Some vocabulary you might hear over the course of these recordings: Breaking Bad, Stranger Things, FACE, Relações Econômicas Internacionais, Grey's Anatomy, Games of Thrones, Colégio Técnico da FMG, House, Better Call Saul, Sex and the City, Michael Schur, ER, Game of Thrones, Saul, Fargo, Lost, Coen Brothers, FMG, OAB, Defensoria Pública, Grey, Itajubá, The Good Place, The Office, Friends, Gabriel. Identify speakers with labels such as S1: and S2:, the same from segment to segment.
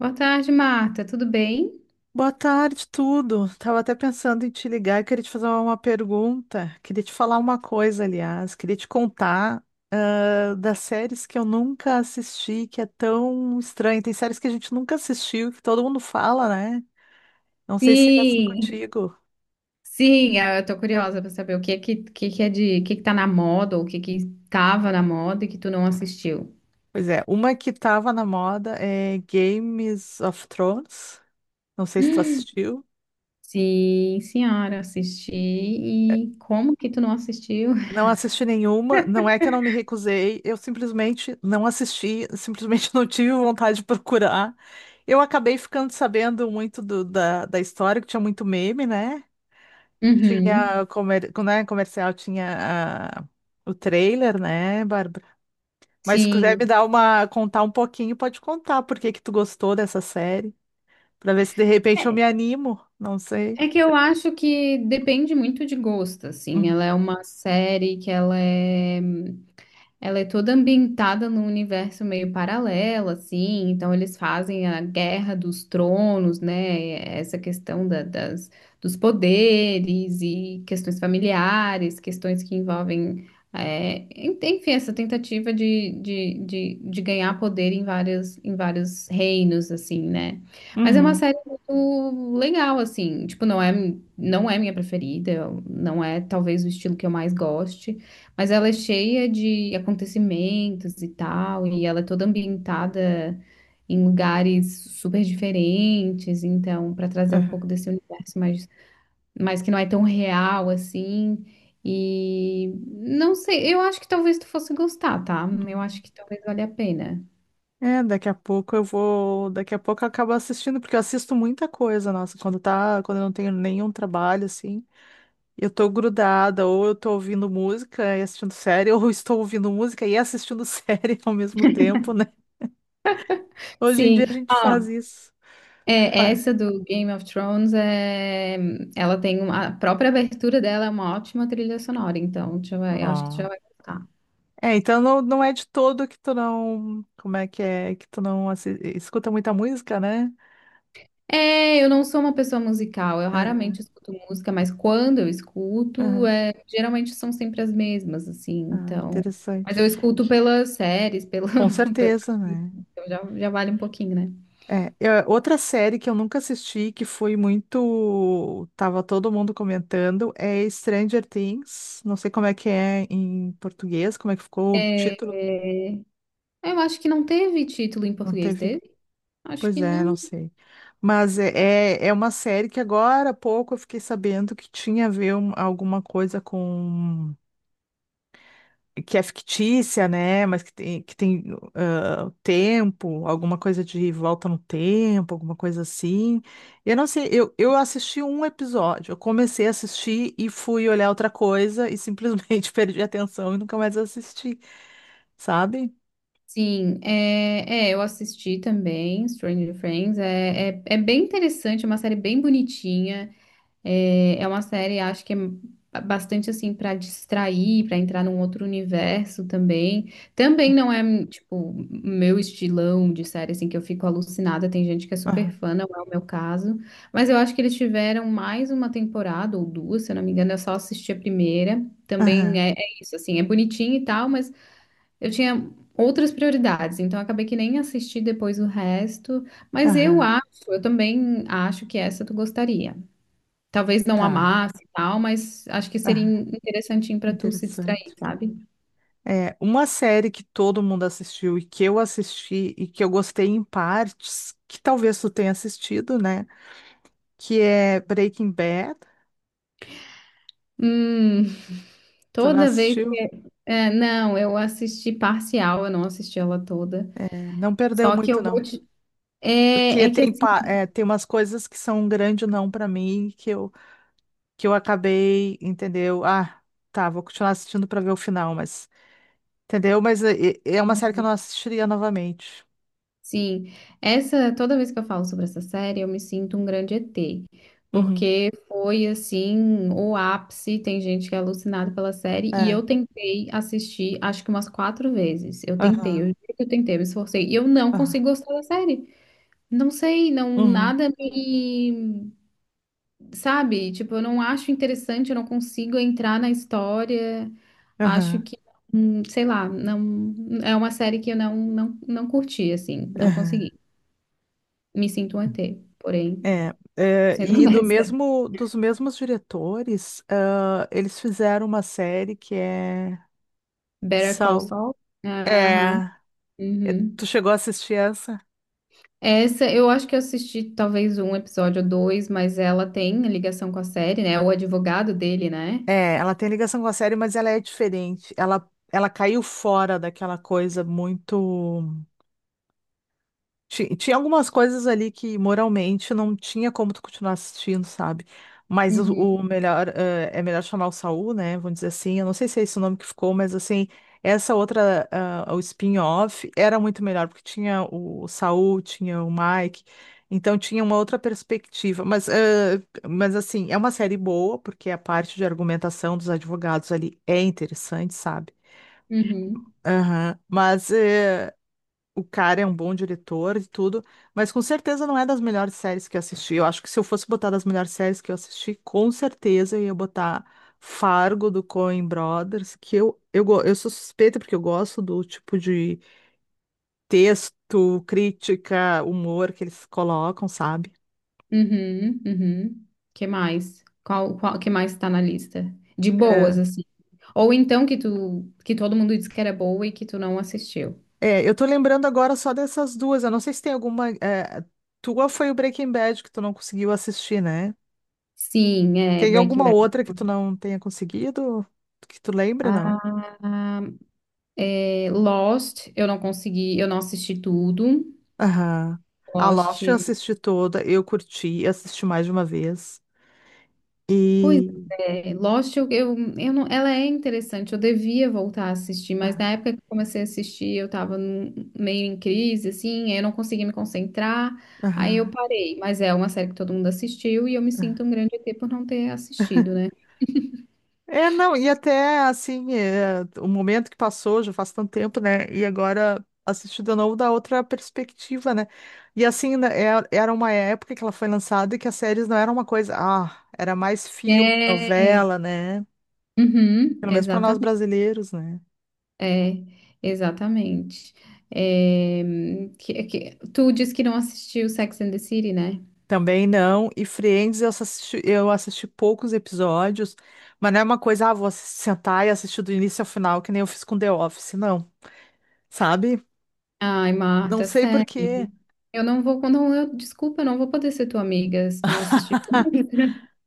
S1: Boa tarde, Marta. Tudo bem?
S2: Boa tarde, tudo. Tava até pensando em te ligar, queria te fazer uma pergunta, queria te falar uma coisa, aliás, queria te contar das séries que eu nunca assisti, que é tão estranho. Tem séries que a gente nunca assistiu, que todo mundo fala, né? Não sei se é assim
S1: Sim,
S2: contigo.
S1: sim. eu tô curiosa para saber o que que tá na moda ou o que que tava na moda e que tu não assistiu.
S2: Pois é, uma que tava na moda é Games of Thrones. Não sei se tu assistiu.
S1: Sim, senhora, assisti. E como que tu não assistiu?
S2: Não assisti nenhuma, não é que eu não me recusei, eu simplesmente não assisti, simplesmente não tive vontade de procurar. Eu acabei ficando sabendo muito da história, que tinha muito meme, né?
S1: Uhum,
S2: Tinha comer, né, comercial, tinha o trailer, né, Bárbara? Mas se quiser me
S1: sim.
S2: dar uma, contar um pouquinho, pode contar por que que tu gostou dessa série, para ver se de repente eu me
S1: É,
S2: animo, não sei.
S1: é que eu acho que depende muito de gosto, assim.
S2: Uhum.
S1: Ela é uma série que ela é Ela é toda ambientada num universo meio paralelo, assim. Então, eles fazem a Guerra dos Tronos, né? Essa questão das dos poderes e questões familiares, questões que envolvem. Enfim, essa tentativa de ganhar poder em vários reinos, assim, né? Mas é uma
S2: Uhum.
S1: série muito legal, assim. Não é minha preferida, não é talvez o estilo que eu mais goste. Mas ela é cheia de acontecimentos e tal, e ela é toda ambientada em lugares super diferentes, então, para trazer um pouco desse universo mais, mais que não é tão real assim. E não sei, eu acho que talvez tu fosse gostar, tá? Eu
S2: Uhum.
S1: acho que talvez valha a pena.
S2: É, daqui a pouco eu vou. Daqui a pouco eu acabo assistindo, porque eu assisto muita coisa, nossa. Quando tá, quando eu não tenho nenhum trabalho, assim, eu tô grudada, ou eu tô ouvindo música e assistindo série, ou eu estou ouvindo música e assistindo série ao mesmo tempo, né? Hoje em
S1: Sim,
S2: dia a gente faz
S1: ah,
S2: isso.
S1: é,
S2: Ué.
S1: essa do Game of Thrones é, ela tem a própria abertura dela é uma ótima trilha sonora, então eu acho que tu já
S2: Ó.
S1: vai gostar.
S2: É, então não, não é de todo que tu não. Como é? Que tu não escuta muita música, né?
S1: É, eu não sou uma pessoa musical, eu
S2: É.
S1: raramente escuto música, mas quando eu escuto,
S2: Aham.
S1: é, geralmente são sempre as mesmas, assim,
S2: Ah,
S1: então. Mas
S2: interessante.
S1: eu escuto pelas séries, pela,
S2: Com
S1: pela-
S2: certeza, né?
S1: então já, já vale um pouquinho, né?
S2: É, outra série que eu nunca assisti, que foi muito. Tava todo mundo comentando, é Stranger Things. Não sei como é que é em português, como é que ficou o
S1: É,
S2: título.
S1: eu acho que não teve título em
S2: Não
S1: português,
S2: teve?
S1: teve? Acho
S2: Pois
S1: que
S2: é, não
S1: não.
S2: sei. Mas é, é uma série que agora há pouco eu fiquei sabendo que tinha a ver alguma coisa com. Que é fictícia, né? Mas que tem tempo, alguma coisa de volta no tempo, alguma coisa assim. Eu não sei, eu assisti um episódio, eu comecei a assistir e fui olhar outra coisa e simplesmente perdi a atenção e nunca mais assisti, sabe?
S1: Sim, eu assisti também, Stranger Things, é bem interessante, é uma série bem bonitinha. É, é uma série, acho que é bastante assim pra distrair, pra entrar num outro universo também. Também não é tipo meu estilão de série assim que eu fico alucinada. Tem gente que é super
S2: Aham,
S1: fã, não é o meu caso. Mas eu acho que eles tiveram mais uma temporada ou duas, se eu não me engano. Eu só assisti a primeira. Também
S2: aham,
S1: é, é isso assim, é bonitinho e tal, mas eu tinha outras prioridades, então eu acabei que nem assisti depois o resto. Mas eu
S2: aham,
S1: acho, eu também acho que essa tu gostaria. Talvez não
S2: tá.
S1: amasse e tal, mas acho que seria
S2: Aham,
S1: interessantinho pra tu se distrair,
S2: interessante.
S1: sabe?
S2: É, uma série que todo mundo assistiu e que eu assisti e que eu gostei em partes, que talvez tu tenha assistido, né? Que é Breaking Bad.
S1: Hum,
S2: Tu não
S1: toda vez.
S2: assistiu?
S1: Não, eu assisti parcial, eu não assisti ela toda.
S2: É, não perdeu
S1: Só que
S2: muito,
S1: eu vou
S2: não.
S1: te. É,
S2: Porque
S1: é que
S2: tem,
S1: assim,
S2: é, tem umas coisas que são um grande não pra mim que eu acabei, entendeu? Ah, tá, vou continuar assistindo pra ver o final, mas. Entendeu? Mas é, é uma série que eu não assistiria novamente.
S1: sim, essa, toda vez que eu falo sobre essa série, eu me sinto um grande ET.
S2: Uhum.
S1: Porque foi assim, o ápice, tem gente que é alucinada pela série, e
S2: É.
S1: eu tentei assistir, acho que umas quatro vezes. Eu tentei, eu
S2: Aham.
S1: juro que eu tentei, eu me esforcei, e eu não
S2: Aham.
S1: consigo gostar da série. Não sei, não,
S2: Uhum.
S1: nada me, sabe? Tipo, eu não acho interessante, eu não consigo entrar na história. Acho
S2: Aham.
S1: que, sei lá, não, é uma série que eu não curti, assim, não
S2: Aham.
S1: consegui. Me sinto um ET, porém,
S2: É, é,
S1: sendo
S2: e do
S1: honesta.
S2: mesmo, dos mesmos diretores, eles fizeram uma série que é
S1: Better Call
S2: Saul.
S1: Saul? Aham.
S2: É,
S1: Uhum.
S2: tu chegou a assistir essa?
S1: Essa, eu acho que eu assisti talvez um episódio ou dois, mas ela tem ligação com a série, né? O advogado dele, né?
S2: É, ela tem ligação com a série, mas ela é diferente. Ela caiu fora daquela coisa muito. Tinha algumas coisas ali que moralmente não tinha como tu continuar assistindo, sabe? Mas
S1: Uhum.
S2: o melhor, é melhor chamar o Saul, né? Vamos dizer assim. Eu não sei se é esse o nome que ficou, mas assim, essa outra, o spin-off, era muito melhor, porque tinha o Saul, tinha o Mike, então tinha uma outra perspectiva. Mas, mas assim, é uma série boa, porque a parte de argumentação dos advogados ali é interessante, sabe?
S1: Uhum.
S2: Aham, mas o cara é um bom diretor e tudo, mas com certeza não é das melhores séries que eu assisti. Eu acho que se eu fosse botar das melhores séries que eu assisti, com certeza eu ia botar Fargo do Coen Brothers, que eu sou suspeita porque eu gosto do tipo de texto, crítica, humor que eles colocam, sabe?
S1: Uhum, uhum. Que mais? Que mais tá na lista? De boas,
S2: É,
S1: assim. Ou então que tu, que todo mundo disse que era boa e que tu não assistiu.
S2: é, eu tô lembrando agora só dessas duas. Eu não sei se tem alguma. É, tua foi o Breaking Bad que tu não conseguiu assistir, né?
S1: Sim, é
S2: Tem
S1: Breaking
S2: alguma
S1: Bad.
S2: outra que tu não tenha conseguido? Que tu lembra, não?
S1: Ah, é, Lost, eu não consegui, eu não assisti tudo.
S2: Aham. A
S1: Lost.
S2: Lost eu assisti toda, eu curti, assisti mais de uma vez.
S1: Pois
S2: E.
S1: é, Lost, eu não, ela é interessante, eu devia voltar a assistir, mas
S2: Aham,
S1: na época que eu comecei a assistir, eu tava meio em crise, assim, aí eu não conseguia me concentrar, aí eu
S2: aham,
S1: parei, mas é uma série que todo mundo assistiu e eu me
S2: aham.
S1: sinto um grande ET por não ter assistido, né?
S2: É, não, e até assim, é, o momento que passou já faz tanto tempo, né? E agora assisti de novo da outra perspectiva, né? E assim, né, era uma época que ela foi lançada e que as séries não eram uma coisa, ah, era mais filme,
S1: É,
S2: novela, né?
S1: uhum,
S2: Pelo menos para nós brasileiros, né?
S1: é, exatamente. É, tu disse que não assistiu Sex and the City, né?
S2: Também não. E Friends, eu assisti poucos episódios, mas não é uma coisa, ah, vou sentar e assistir do início ao final, que nem eu fiz com The Office, não. Sabe?
S1: Ai,
S2: Não
S1: Marta,
S2: sei por
S1: sério.
S2: quê.
S1: Eu não vou, quando eu, desculpa, eu não vou poder ser tua amiga se tu não assistir.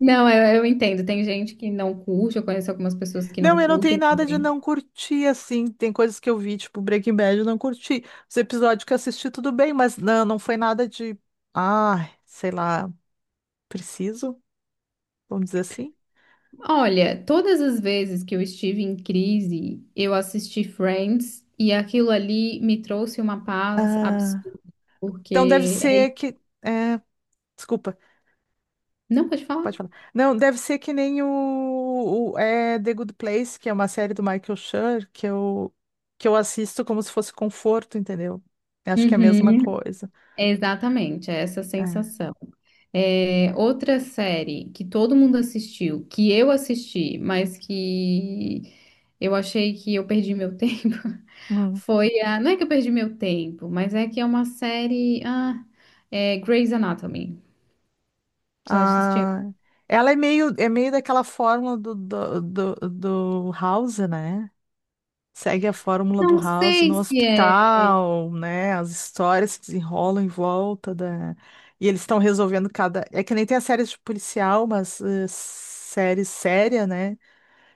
S1: Não, eu entendo. Tem gente que não curte, eu conheço algumas pessoas que não
S2: Não, eu não tenho
S1: curtem
S2: nada de
S1: também.
S2: não curtir, assim. Tem coisas que eu vi, tipo Breaking Bad, eu não curti. Os episódios que eu assisti, tudo bem, mas não, não foi nada de, ah, sei lá, preciso, vamos dizer assim.
S1: Olha, todas as vezes que eu estive em crise, eu assisti Friends e aquilo ali me trouxe uma paz
S2: Ah,
S1: absurda,
S2: então deve
S1: porque é...
S2: ser
S1: isso.
S2: que. É, desculpa.
S1: Não, pode falar?
S2: Pode falar. Não, deve ser que nem é, The Good Place, que é uma série do Michael Schur, que eu assisto como se fosse conforto, entendeu? Eu acho que é a mesma
S1: Uhum.
S2: coisa.
S1: É, exatamente, é essa
S2: É,
S1: sensação. É,
S2: é.
S1: outra série que todo mundo assistiu, que eu assisti, mas que eu achei que eu perdi meu tempo,
S2: Hum.
S1: foi a. Não é que eu perdi meu tempo, mas é que é uma série. Ah, é Grey's Anatomy. Tu acha que assistiu?
S2: Ah, ela é meio daquela fórmula do House, né? Segue a fórmula do
S1: Não
S2: House
S1: sei
S2: no
S1: se é.
S2: hospital, né? As histórias se desenrolam em volta da. E eles estão resolvendo cada. É que nem tem as séries de policial, mas série séria, né?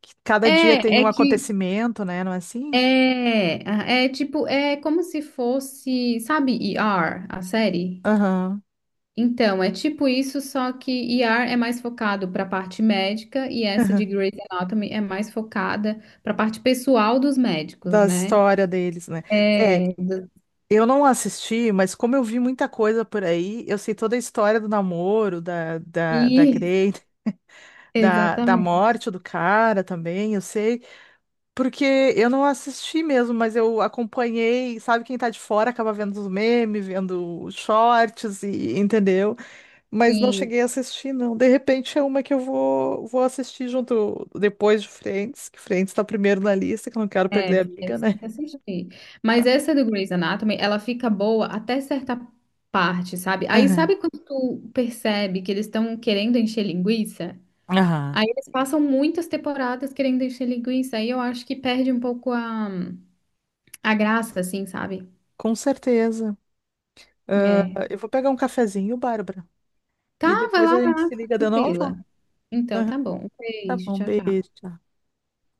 S2: Que cada dia tem
S1: É, é
S2: um
S1: que.
S2: acontecimento, né? Não é assim?
S1: É, é tipo, é como se fosse, sabe, ER, a série?
S2: Aham.
S1: Então, é tipo isso, só que ER é mais focado para a parte médica e essa
S2: Aham.
S1: de Grey's Anatomy é mais focada para a parte pessoal dos médicos,
S2: Da
S1: né?
S2: história deles, né? É,
S1: É, do-
S2: eu não assisti, mas como eu vi muita coisa por aí, eu sei toda a história do namoro, da
S1: isso,
S2: Grey, da
S1: exatamente.
S2: morte do cara também, eu sei. Porque eu não assisti mesmo, mas eu acompanhei, sabe, quem tá de fora acaba vendo os memes, vendo os shorts e entendeu? Mas não
S1: Sim,
S2: cheguei a assistir, não. De repente é uma que eu vou assistir junto depois de Friends, que Friends tá primeiro na lista, que eu não quero
S1: é,
S2: perder a amiga,
S1: você
S2: né?
S1: tem que assistir. Mas essa do Grey's Anatomy, ela fica boa até certa parte, sabe? Aí
S2: Aham.
S1: sabe quando tu percebe que eles estão querendo encher linguiça?
S2: Aham.
S1: Aí eles passam muitas temporadas querendo encher linguiça, aí eu acho que perde um pouco a graça, assim, sabe?
S2: Com certeza.
S1: É.
S2: Ah, eu vou pegar um cafezinho, Bárbara.
S1: Tá,
S2: E depois a
S1: vai
S2: gente
S1: lá,
S2: se
S1: fica
S2: liga de novo?
S1: tranquila. Então, tá
S2: Aham.
S1: bom. Um
S2: Tá
S1: beijo,
S2: bom,
S1: tchau, tchau.
S2: beijo.